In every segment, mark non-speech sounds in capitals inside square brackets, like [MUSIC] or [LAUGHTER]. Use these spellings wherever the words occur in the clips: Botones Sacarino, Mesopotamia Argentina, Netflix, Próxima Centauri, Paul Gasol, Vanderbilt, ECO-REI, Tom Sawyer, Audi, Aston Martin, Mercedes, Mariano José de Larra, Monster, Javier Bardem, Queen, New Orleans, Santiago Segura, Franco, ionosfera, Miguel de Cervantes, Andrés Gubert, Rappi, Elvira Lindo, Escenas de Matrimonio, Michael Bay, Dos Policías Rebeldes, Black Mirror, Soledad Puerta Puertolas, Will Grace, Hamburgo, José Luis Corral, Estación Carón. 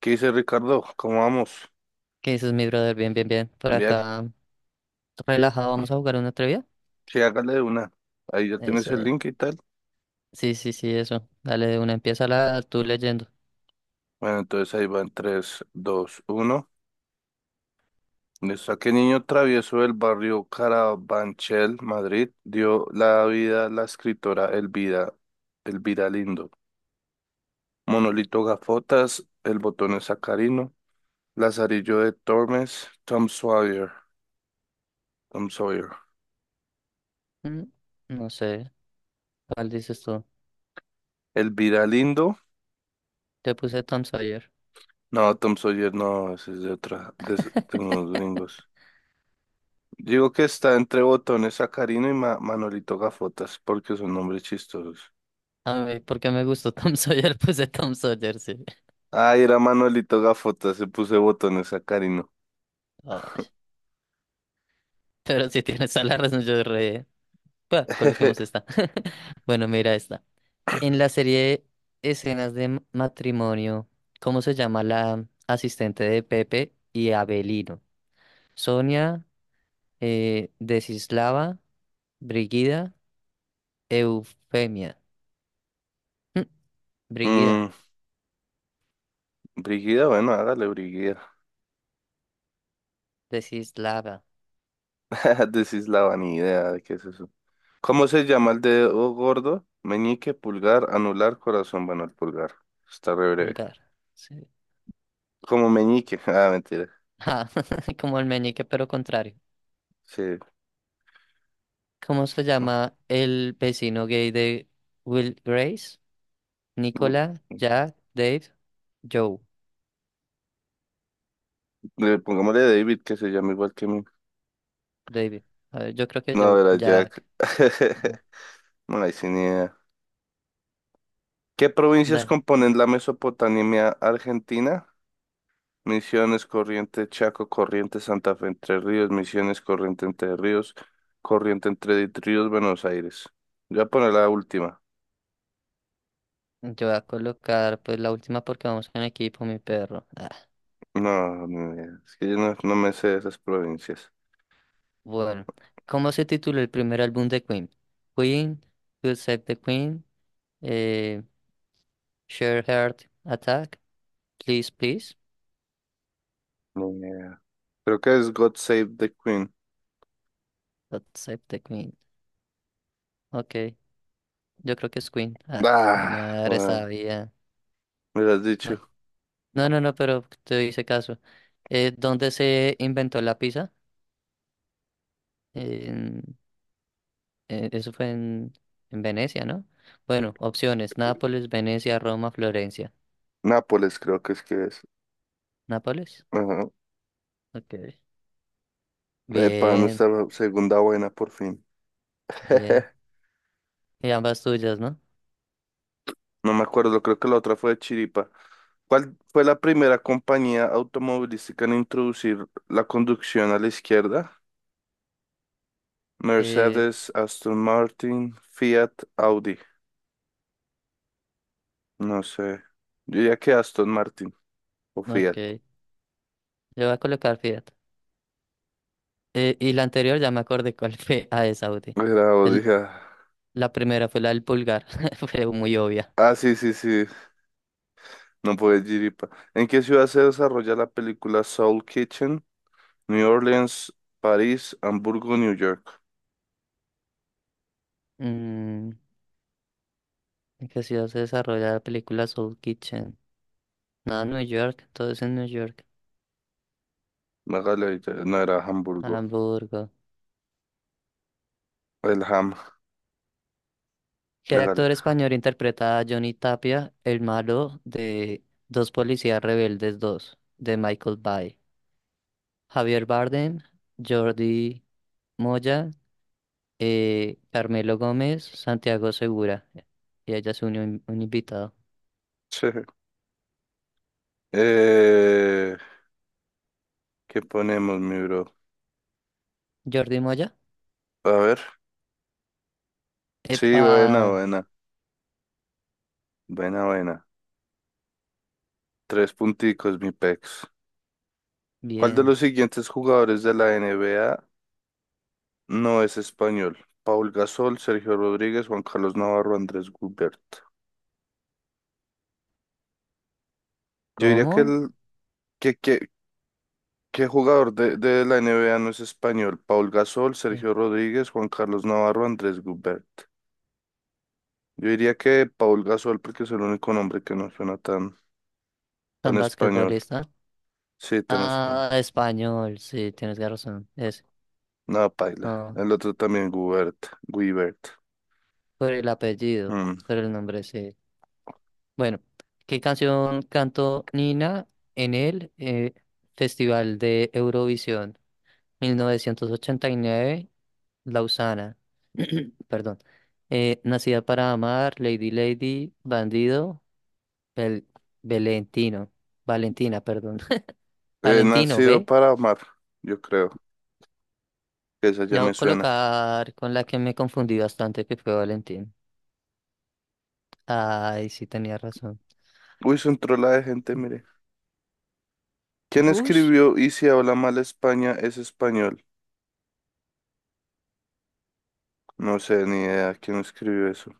¿Qué dice Ricardo? ¿Cómo vamos? ¿Qué dices, mi brother? Bien, bien, bien. Por Ya, acá, relajado, vamos a jugar una trivia. sí, hágale una. Ahí ya tienes el Eso. link y tal. Sí, sí, sí, eso. Dale, de una empieza la tú leyendo. Bueno, entonces ahí van tres, dos, uno. Listo. ¿A qué niño travieso del barrio Carabanchel, Madrid, dio la vida a la escritora Elvira Lindo? Monolito Gafotas, El Botón es Sacarino, Lazarillo de Tormes, Tom Sawyer, Tom Sawyer. Mm, no sé, ¿cuál dices tú? Elvira Lindo. Te puse Tom Sawyer. No, Tom Sawyer no, ese es de otra, de unos [LAUGHS] gringos. Digo que está entre Botones Sacarino y Manolito Gafotas, porque son nombres chistosos. A mí, porque me gustó [LAUGHS] Tom Sawyer, puse Tom Sawyer, sí. Ah, era Manolito Gafotas, se puse Botones Sacarino. Ay, pero si tienes a la razón, yo re... Bah, coloquemos esta. [LAUGHS] [LAUGHS] Bueno, mira esta. En la serie Escenas de Matrimonio, ¿cómo se llama la asistente de Pepe y Abelino? Sonia, Desislava, Brigida, Eufemia. Mm, Brigida, Mm, Brigida, bueno, hágale Brigida. Desislava, [LAUGHS] Decís la vanidad, ¿de ¿qué es eso? ¿Cómo se llama el dedo gordo? Meñique, pulgar, anular, corazón, bueno, el pulgar. Está re breve. vulgar. Sí. Como meñique, [LAUGHS] ah, mentira. Ah, [LAUGHS] como el meñique, pero contrario. Sí. ¿Cómo se llama el vecino gay de Will Grace? [LAUGHS] Nicola, Jack, Dave, Joe, Pongámosle David, que se llama igual que mí. David. A ver, yo creo que No, Joe, era Jack. Jack. Ah, [LAUGHS] No, hay sin idea. ¿Qué provincias dale. componen la Mesopotamia Argentina? Misiones, Corrientes, Chaco, Corrientes, Santa Fe, Entre Ríos, Misiones, Corrientes, Entre Ríos, Corrientes, Entre Ríos, Buenos Aires. Yo voy a poner la última. Yo voy a colocar pues la última porque vamos en equipo, mi perro. Ah. No, ni idea. Es que yo no me sé de esas provincias. Bueno, ¿cómo se tituló el primer álbum de Queen? Queen, You Save the Queen, eh, Share Heart Attack, Please Please, Ni idea. Creo que es God Save the Queen. God Save the Queen. Ok, yo creo que es Queen. Ah, mi Ah, madre bueno, sabía. me lo has dicho. Bueno, no, no, no, pero te hice caso. ¿Dónde se inventó la pizza? En- eso fue en Venecia, ¿no? Bueno, opciones, Nápoles, Venecia, Roma, Florencia. Nápoles creo que es. ¿Nápoles? Ajá. Ok. Epa, Bien, nuestra segunda buena por fin. bien. [LAUGHS] Y ambas tuyas, ¿no? No me acuerdo, creo que la otra fue de Chiripa. ¿Cuál fue la primera compañía automovilística en introducir la conducción a la izquierda? Eh, Mercedes, Aston Martin, Fiat, Audi. No sé. Yo diría que Aston Martin o Fiat. ok, yo voy a colocar Fiat. Y la anterior ya me acordé cuál [LAUGHS] fue a esa Audi. Era Audi. El- Ah, la primera fue la del pulgar, [LAUGHS] fue muy obvia. Ah, sí, sí, sí. No puede Chiripa. ¿En qué ciudad se desarrolla la película Soul Kitchen? New Orleans, París, Hamburgo, New York. Mm, ¿en qué ciudad se desarrolla la película Soul Kitchen? No, New York, todo es en New York. Hágale, ahí, no era Hamburgo. Hamburgo. El Ham. ¿Qué Hágale. actor español interpreta a Johnny Tapia, el malo de Dos Policías Rebeldes dos de Michael Bay? Javier Bardem, Jordi Moya, Carmelo Gómez, Santiago Segura. Y ella se unió un invitado. [LAUGHS] Eh, ¿Qué ponemos, mi bro? Jordi Moya. A ver. Sí, Epa, buena, buena. Buena, buena. Tres punticos, mi pex. ¿Cuál de bien. los siguientes jugadores de la N B A no es español? Paul Gasol, Sergio Rodríguez, Juan Carlos Navarro, Andrés Gubert. Yo diría que ¿Cómo? el que, ¿Qué jugador de la N B A no es español? Paul Gasol, Eh, Sergio Rodríguez, Juan Carlos Navarro, Andrés Gubert. Yo diría que Paul Gasol, porque es el único nombre que no suena tan, Tan tan español. basquetbolista. Sí, tan español. Ah, español, sí, tienes razón. Es, No, paila. no, El otro también, Gubert. Guibert. por el apellido, Mm. por el nombre, sí. Bueno, ¿qué canción cantó Nina en el Festival de Eurovisión 1989, Lausana? [CLEARS THROAT] Perdón. Nacida para amar, Lady Lady, Bandido, Bel Valentino, Valentina, perdón. [LAUGHS] Valentino, Nacido ¿ve? para amar, yo creo. Esa ya No voy me a suena. colocar con la que me confundí bastante, que fue Valentín. Ay, sí tenía razón. Uy, son trola de gente, mire. ¿Quién Ush. escribió Y si habla mal España es español? No sé ni idea quién escribió eso.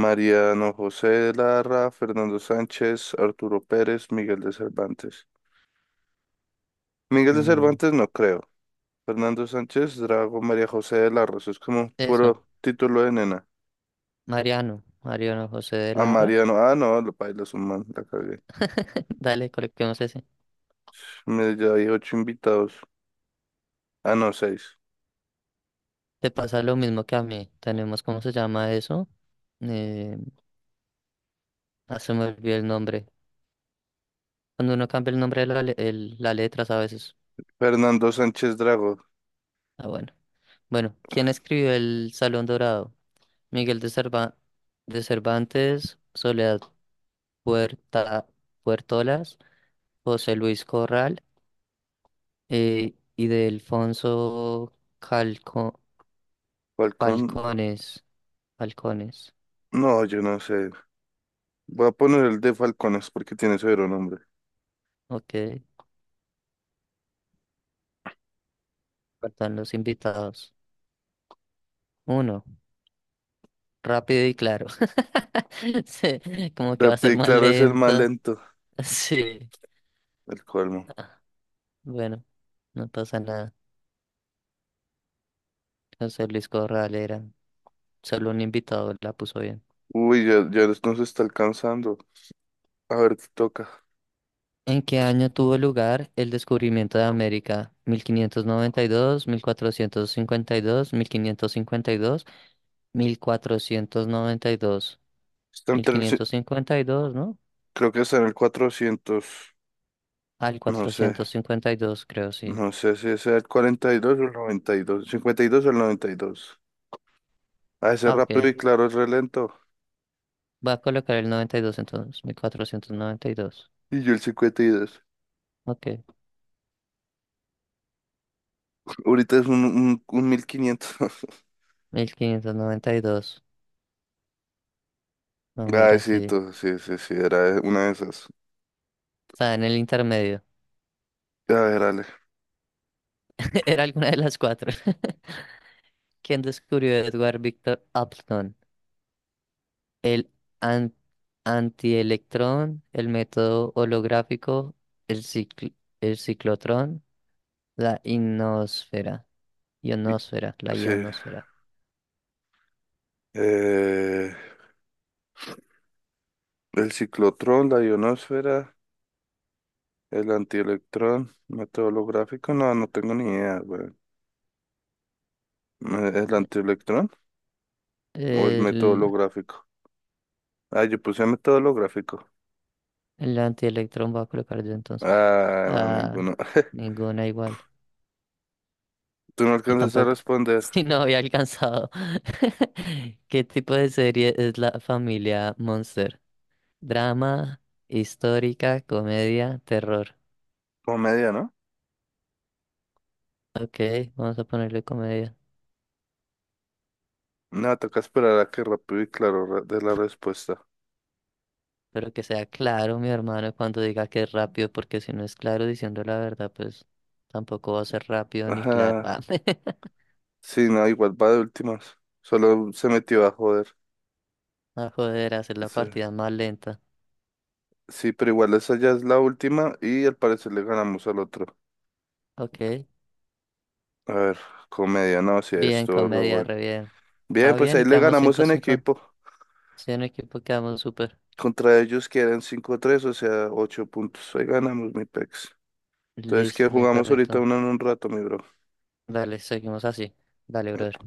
Mariano José de Larra, Fernando Sánchez, Arturo Pérez, Miguel de Cervantes. Miguel de Mm, Cervantes no creo. Fernando Sánchez, Drago, María José de Larra. Eso es como eso. puro título de nena. Mariano José de A Larra. Mariano. Ah, no, lo paila es un man, la cagué. [LAUGHS] Dale, coloquemos ese. Me ya hay ocho invitados. Ah, no, seis. Te pasa lo mismo que a mí. Tenemos, ¿cómo se llama eso? Eh, ah, se me olvidó el nombre. Cuando uno cambia el nombre de la, la letra, ¿sabes? Fernando Sánchez Drago. Ah, bueno. Bueno, ¿quién escribió El Salón Dorado? Miguel de Cerva- de Cervantes, Soledad Puerta Puertolas, José Luis Corral y de Alfonso Calco Falcón. Falcones. Falcones. No, yo no sé. Voy a poner el de Falcones porque tiene severo nombre. Ok, faltan los invitados. Uno, rápido y claro. [LAUGHS] Sí, como que va a ser Rappi, más claro, es el más lenta. lento. [LAUGHS] Sí. El colmo. Ah, bueno, no pasa nada. José Luis Corral era. Solo un invitado la puso bien. Uy, ya, ya nos está alcanzando. A ver qué toca. ¿En qué año tuvo lugar el descubrimiento de América? ¿1592, 1452, 1552, 1492? Está entre el, ci- 1552, ¿no? Creo que está en el 400. Al No sé. 452, creo, sí. No sé si es el 42 o el 92, 52 o el 92. A ese Ah, rápido y ok. claro es re lento. Voy a colocar el 92 entonces. 1492. Y yo el 52. Ok. Ahorita es un 1500. 1592. No, Ay, mira, sí, sí. tú, sí, sí, sí, era una de esas. Está en el intermedio. A ver, Ale. [LAUGHS] Era alguna de las cuatro. [LAUGHS] ¿Quién descubrió Edward Victor Upton? el an- antielectrón, el método holográfico, el cicl- el ciclotrón, la ionosfera, y- ionosfera, la Sí. ionosfera. Eh, el ciclotrón, la ionosfera, el antielectrón, método holográfico. No, no tengo ni idea, güey. ¿El antielectrón o el método El, holográfico? Ah, yo puse método holográfico. el antielectrón va a colocar yo entonces. Ah, no, Ah, ninguno. [LAUGHS] ninguna igual. Tú no Y alcanzas a tampoco, [LAUGHS] responder. si no había alcanzado. [LAUGHS] ¿Qué tipo de serie es la familia Monster? Drama, histórica, comedia, terror. Como media, ¿no? Ok, vamos a ponerle comedia. No, toca esperar a que rápido y claro dé la respuesta. Pero que sea claro, mi hermano, cuando diga que es rápido, porque si no es claro diciendo la verdad, pues tampoco va a ser rápido ni claro. Ah, Ajá. [LAUGHS] Sí, no, igual va de últimas. Solo se metió a joder. a joder, a hacer la Sí. partida más lenta. Sí, pero igual esa ya es la última y al parecer le ganamos al otro. Ok, A ver, comedia, no, si bien, esto, re comedia, bueno. re bien. Bien, Ah, pues bien, ahí y le quedamos ganamos 5 en cinco. equipo. Sí, en equipo quedamos súper. Contra ellos quedan 5 tres, o sea, 8 puntos. Ahí ganamos, mi pex. Entonces, ¿qué Listo, mi jugamos ahorita? perrito. Uno en un rato, mi bro. Dale, seguimos así. Dale, brother.